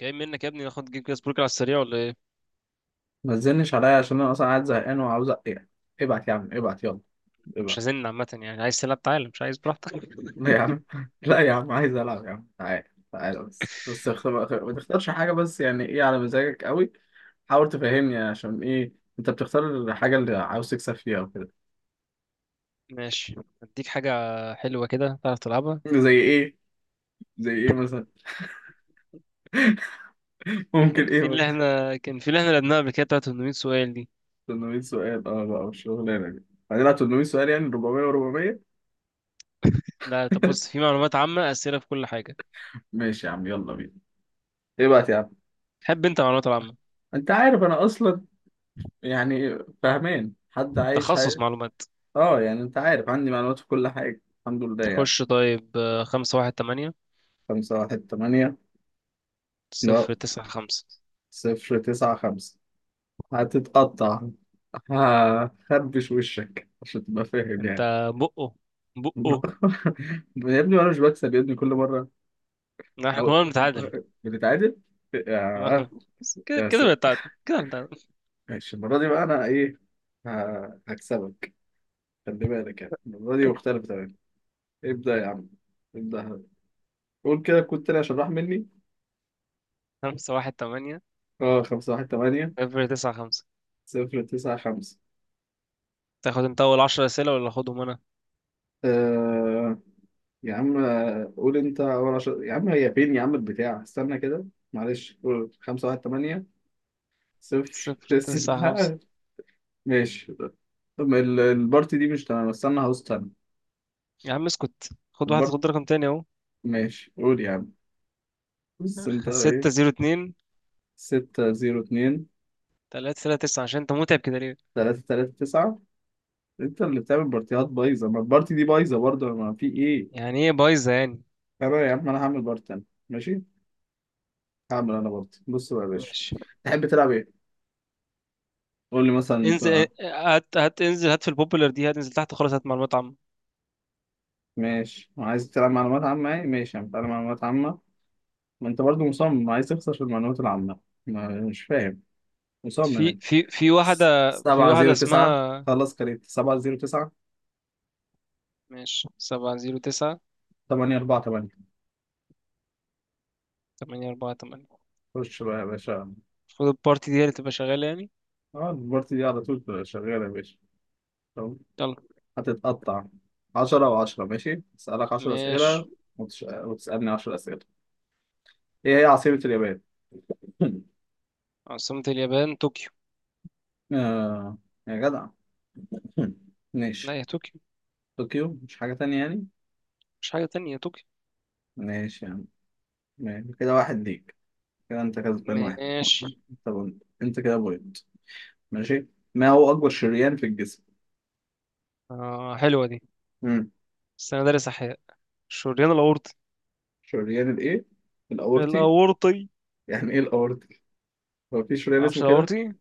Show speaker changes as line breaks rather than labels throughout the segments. جاي منك يا ابني، ناخد جيب جاز برجر على السريع ولا ايه؟
ما تزنش عليا عشان انا اصلا قاعد زهقان وعاوز يعني. ابعت يا عم، ابعت يلا،
مش
ابعت.
هزن عامه، يعني عايز تلعب تعالى، مش عايز براحتك.
لا يا عم، لا يا عم، عايز العب يا عم. تعالى تعالى، بس ما تختارش حاجه، بس يعني ايه على مزاجك قوي؟ حاول تفهمني عشان ايه انت بتختار الحاجه اللي عاوز تكسب فيها وكده.
ماشي. اديك حاجه حلوه كده تعرف تلعبها.
زي ايه؟ زي ايه مثلا؟ ممكن
كان
ايه
في اللي
مثلا؟
احنا كان في اللي احنا لعبناها قبل كده، بتاعت 800 سؤال دي.
800 سؤال، اه بقى والشغلانه دي؟ هنلعب 800 سؤال يعني 400 و400؟
لا طب بص، في معلومات عامه، اسئله في كل حاجه.
ماشي يا عم، يلا بينا، ابعت يا عم.
تحب انت معلومات العامه؟
انت عارف انا اصلا، يعني فاهمان حد عايش؟
تخصص معلومات.
اه، يعني انت عارف عندي معلومات في كل حاجة الحمد لله يعني.
خش طيب. خمسة واحد تمانية،
خمسة واحد تمانية، لا،
صفر تسعة خمسة.
صفر تسعة خمسة، هتتقطع. هخربش وشك عشان تبقى فاهم
انت
يعني.
بقه بقه.
يا ابني وانا مش بكسب يا ابني كل مرة؟
احنا كنا
او
بنتعادل.
بنتعادل. يا،
كده
يا
كده
ساتر.
بنتعادل، كده بنتعادل.
ماشي، المرة دي بقى انا ايه، هكسبك. خلي بالك، يعني المرة دي مختلفة تماما. ابدأ يا عم، ابدأ. قول كده كنت تاني عشان راح مني.
خمسة واحد تمانية،
اه، خمسة واحد تمانية،
صفر تسعة خمسة.
صفر تسعة خمسة.
تاخد انت اول عشر اسئله ولا اخدهم انا؟
آه، يا عم، قول انت اول عشر يا عم. هي فين يا عم البتاع؟ استنى كده، معلش، قول خمسة واحد تمانية، صفر
صفر تسعة خمسة.
تسعة. ماشي. طب البارتي دي مش تمام، استنى هوست تاني.
يا عم اسكت، خد واحد،
البارت،
خد رقم تاني اهو.
ماشي قول يا عم. بص انت
أخ، ستة
ايه،
زيرو اتنين.
ستة زيرو اتنين،
تلاتة تلاتة تسعة. عشان انت متعب كده ليه؟
تلاتة تلاتة تسعة. انت اللي بتعمل بارتيات بايظة، ما البارتي دي بايظة برضه، ما في ايه؟
يعني ايه بايظه يعني؟
انا يا عم، انا هعمل بارت تاني، ماشي. هعمل انا بارتي، بص بقى يا باشا.
ماشي.
تحب تلعب ايه؟ قول لي مثلا انت.
انزل هات هات، انزل، هات في البوبولار دي، هتنزل تحت خلاص، هات معلومات عامة.
ماشي، عايز تلعب معلومات عامة، يعني ماشي هنتعلم معلومات عامة. ما انت برضو مصمم عايز تخسر في المعلومات العامة، ما مش فاهم. مصمم
في
انت.
في في واحدة. في
سبعة
واحدة
زيرو تسعة،
اسمها.
خلص كريت، سبعة زيرو تسعة،
ماشي سبعة زيرو تسعة،
تمانية أربعة تمانية.
تمانية أربعة تمانية.
خش بقى يا باشا.
المفروض البارتي دي هي اللي تبقى شغالة يعني.
اه البارتي دي على طول شغالة يا باشا. طب،
يلا.
هتتقطع. 10 و10 ماشي، أسألك عشرة
ماشي.
أسئلة وتسألني 10 أسئلة. إيه هي عاصمة اليابان؟
عاصمة اليابان طوكيو.
آه، يا جدع.
لا
ماشي،
يا طوكيو،
طوكيو مش حاجة تانية يعني؟
مش حاجة تانية يا طوكيو.
ماشي يعني. ماشي، كده واحد ليك. كده انت كسبان واحد.
ماشي.
طب انت كده بوينت، ماشي. ما هو اكبر شريان في الجسم؟
حلوة دي.
امم،
بس أنا دارس أحياء. الشريان الأورطي.
شريان الايه، الاورطي؟
الأورطي.
يعني ايه الاورطي؟ هو في شريان
معرفش
اسمه كده؟
الأورطي.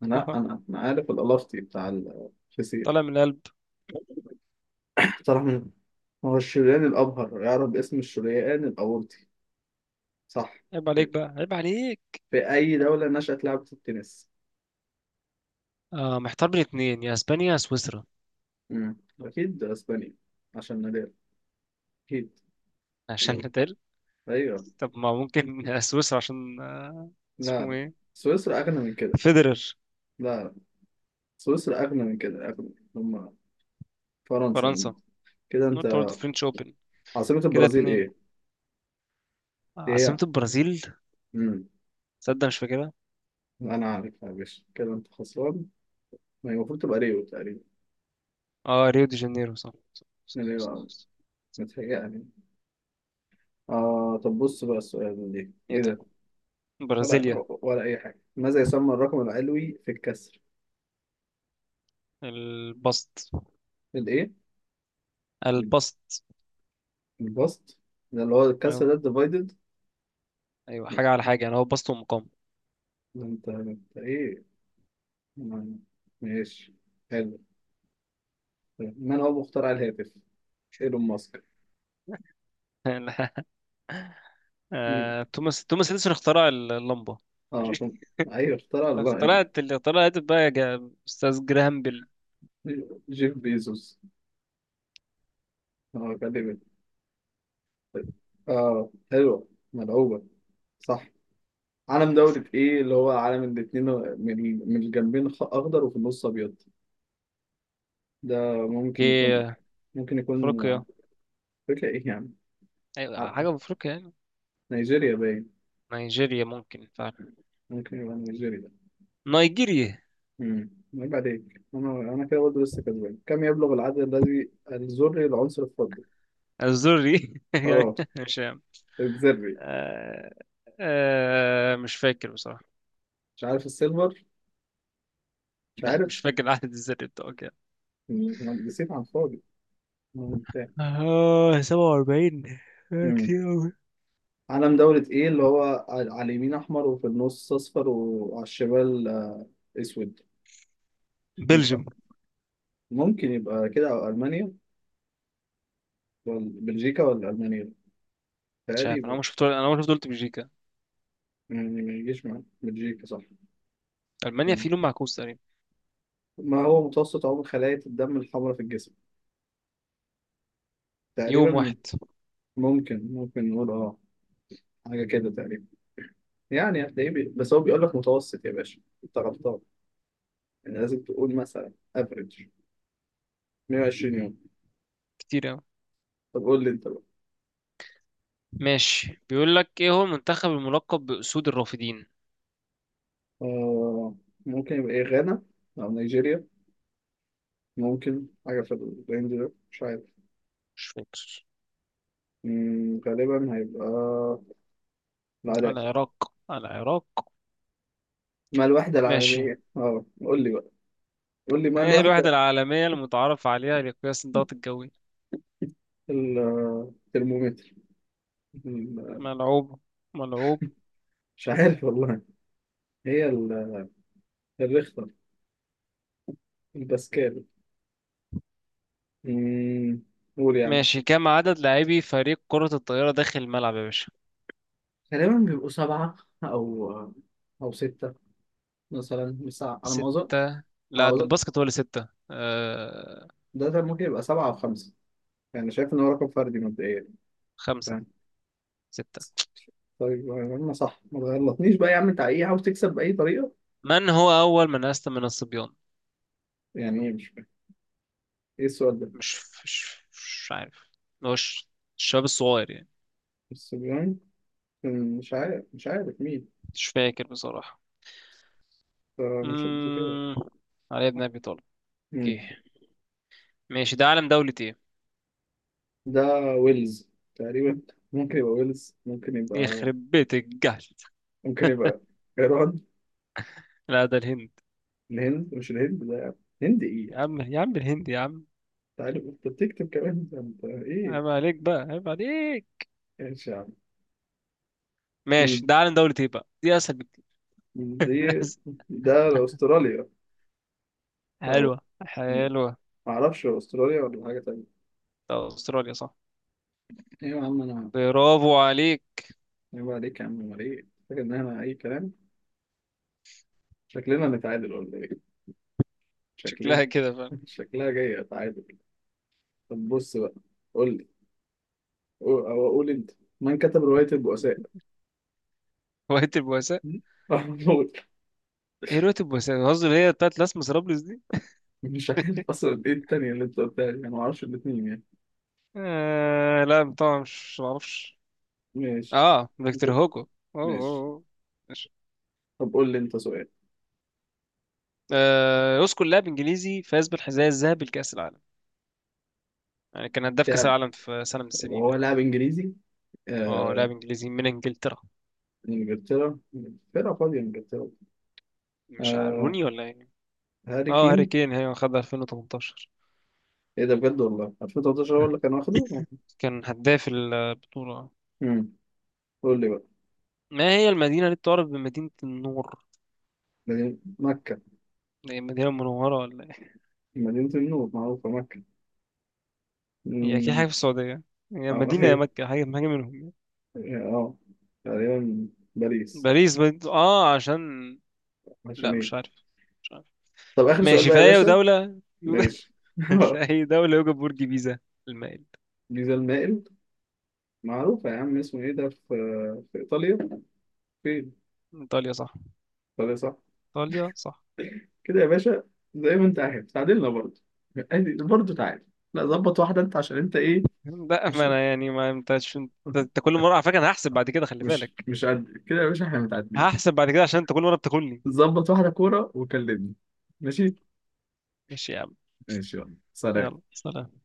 لا، انا عارف الالفتي بتاع الفسيخ.
طالع من القلب.
طرح، من هو الشريان الابهر يعرف باسم الشريان الاورطي؟ صح.
عيب عليك بقى، عيب عليك.
في اي دوله نشأت لعبه التنس؟
محتار بين اتنين، يا أسبانيا يا سويسرا.
امم، اكيد اسبانيا، عشان نادال، اكيد،
عشان نتقل.
ايوه.
طب ما ممكن سويسرا عشان.
لا
اسمه
لا،
إيه؟
سويسرا اغنى من كده.
فيدرر.
لا، سويسرا أغنى من كده، أغنى هم فرنسا.
فرنسا.
كده أنت.
قلت برضه فرنش أوبن.
عاصمة
كده
البرازيل
اتنين.
إيه؟
عاصمة
إيه؟
البرازيل.
مم.
تصدق مش فاكرها.
أنا عارف يا باشا، كده أنت خسران. ما هي المفروض تبقى ريو تقريبا.
اه، ريو دي جانيرو، صح صح صح،
ريو
صح،
أو،
صح.
متهيألي. آه، طب بص بقى، السؤال ده
ايه
إيه
ده؟
ده؟ ولا
برازيليا.
ولا أي حاجة. ماذا يسمى الرقم العلوي في الكسر؟
البسط.
الإيه؟
البسط.
البسط، ده اللي هو الكسر ده
ايوه.
الديفايدد.
أيوة، حاجة على حاجة يعني، هو بسط ومقام.
أنت إيه؟ ما- ماشي، حلو. طيب، من هو مخترع الهاتف؟ ايلون ماسك؟
لا.
مين؟
توماس اديسون اخترع اللمبه.
اه
ماشي.
طب، ايوه اخترع الله.
اخترعت اللي اخترعت بقى، استاذ جراهام بيل.
جيف بيزوس. اه كلمة، اه حلوة ملعوبة. صح. علم دولة ايه اللي هو علم الاتنين من الجنبين، اخضر وفي النص ابيض؟ ده ممكن يكون،
في
ممكن يكون آه،
افريقيا.
فكرة ايه يعني؟ ع-
ايوه حاجه في افريقيا يعني.
نيجيريا باين،
نيجيريا ممكن فعلا.
ممكن يبقى نيجيريا.
نيجيريا.
امم، عيب عليك، انا كده برضه لسه كسبان. كم يبلغ العدد الذري العنصر الفضي؟
الزوري يعني.
اه،
مش عارف.
الذري،
آه، مش فاكر بصراحه.
مش عارف السيلفر، مش
لا
عارف.
مش فاكر العدد الذري بتاعه كام.
مم. نسيت عن فاضي. مم، فاهم.
اه، 47.
مم.
كتير أوي.
علم دولة ايه اللي هو على اليمين احمر وفي النص اصفر وعلى الشمال آه، اسود؟
بلجيوم.
ممكن يبقى كده، او المانيا، ولا بلجيكا، ولا المانيا
مش عارف، انا
تقريبا.
ما شفت انا ما شفت قلت بلجيكا.
يعني ما يجيش معايا بلجيكا، صح.
المانيا
مم.
في لون معكوس تقريبا.
ما هو متوسط عمر خلايا الدم الحمراء في الجسم
يوم
تقريبا؟
واحد.
ممكن نقول اه حاجة كده تقريبا، يعني هتلاقيه بس هو بيقول لك متوسط يا باشا، انت غلطان. يعني لازم تقول مثلا افريج 120 يوم.
كتير أوي.
طب قول لي انت.
ماشي. بيقول لك ايه هو المنتخب الملقب بأسود الرافدين.
آه ممكن يبقى إيه، غانا أو نيجيريا، ممكن حاجة في الرينج ده، مش عارف.
مش فاكر.
مم، غالبا هيبقى العراق.
العراق، العراق.
ما الوحدة
ماشي.
العالمية، اه قول لي بقى، قول لي ما
ايه الوحدة
الوحدة.
العالمية المتعارف عليها لقياس الضغط الجوي؟
ال- الترمومتر، ال-
ملعوب. ملعوب.
مش عارف والله. هي الريختر، الباسكال. مم، قول يا عم.
ماشي، كم عدد لاعبي فريق كرة الطائرة داخل الملعب يا باشا؟
غالبا بيبقوا سبعة، أو أو ستة مثلا، بس على ما أظن.
ستة.
على
لا
ما
ده
أظن
الباسكت هو اللي ستة
ده، ممكن يبقى سبعة أو خمسة يعني، شايف إن هو رقم فردي مبدئيا.
خمسة. ستة.
طيب انا صح، ما تغلطنيش بقى يا عم، انت ايه عاوز تكسب باي طريقه؟
من هو أول من أسلم من الصبيان؟
يعني ايه؟ مش فاهم. ايه السؤال ده؟
مش مش مش عارف مش الشباب الصغير يعني.
الصبيان، مش عارف، مش عارف مين،
مش فاكر بصراحة.
فمش قد كده.
امم علي بن ابي طالب.
مم.
اوكي. ماشي ده علم دولة ايه؟
ده ويلز تقريبا، ممكن يبقى ويلز، ممكن يبقى،
يخرب بيت الجهل.
ممكن يبقى ايران.
لا ده الهند.
الهند، مش الهند ده، الهند ايه
يا
يعني؟
عم يا عم الهند يا عم.
انت عارف انت بتكتب كمان، ده انت ايه؟
عيب عليك بقى، عيب عليك.
ايش يا عم.
ماشي
مم.
ده علم دولة ايه بقى؟ دي اسهل بكتير.
دي، ده استراليا، اهو،
حلوة حلوة.
معرفش هو استراليا ولا حاجه تانيه.
ده استراليا صح.
ايوه يا عم انا،
برافو عليك.
يبقى عليك يا عم، امال ايه فاكر ان احنا اي كلام؟ شكلنا نتعادل ولا ايه؟ شكلنا،
شكلها كده فعلا.
شكلها جاية تعادل. طب بص بقى، قول لي، أو أقول أنت، من كتب رواية البؤساء؟
هواية البؤساء.
م? محمود.
ايه هواية البؤساء؟ القصد اللي هي بتاعت لاس مسرابلس دي.
مش عارف أصلا إيه التانية اللي أنت قلتها دي، أنا معرفش الاتنين يعني.
آه لا طبعا مش معرفش.
ماشي.
اه، فيكتور هوجو. اوه، أوه،
ماشي،
أوه.
طب قول لي أنت سؤال.
يذكر لاعب انجليزي فاز بالحذاء الذهبي لكأس العالم. يعني كان هداف كأس
لاعب،
العالم في سنة من السنين
هو
يعني.
لاعب إنجليزي،
اه لاعب
آه...
انجليزي من انجلترا.
إنجلترا، إنجلترا فاضية، إنجلترا،
مش عارف
آه...
روني ولا يعني.
هاري
اه هاري
كين.
كين، هي خدها 2018.
إيه ده بجد والله، 2013 هو اللي كان واخده؟
كان هداف البطولة.
مم. قول لي بقى.
ما هي المدينة اللي تعرف بمدينة النور؟
مدينة مكة.
هي المدينة المنورة ولا ايه؟
مدينة النور معروفة مكة.
هي اكيد حاجة
أمم،
في السعودية. هي
أو
مدينة، يا
إيه،
مكة، حاجة حاجة منهم يعني.
أه، تقريبا باريس.
باريس بد... اه عشان.
عشان
لا
إيه؟
مش عارف. مش عارف.
طب آخر سؤال
ماشي
بقى
في
يا
أي
باشا،
دولة.
ماشي.
في أي دولة يوجد برج بيزا المائل؟
جيزة المائل، معروفة يا عم اسمه إيه ده، في في إيطاليا. فين؟
إيطاليا صح.
إيطاليا صح.
ايطاليا صح.
كده يا باشا، زي ما أنت عارف تعادلنا برضه، عادي، برضه تعادل. لا، ظبط واحدة أنت، عشان أنت إيه.
لا ما
مش
انا يعني، ما انت عشان. انت كل مره، على فكره انا هحسب بعد كده، خلي بالك.
مش قد كده يا باشا، إحنا متعادلين.
هحسب بعد كده عشان انت كل مره بتاكلني.
ظبط واحدة كورة وكلمني. ماشي،
ماشي يا عم،
ماشي يلا سلام.
يلا سلام.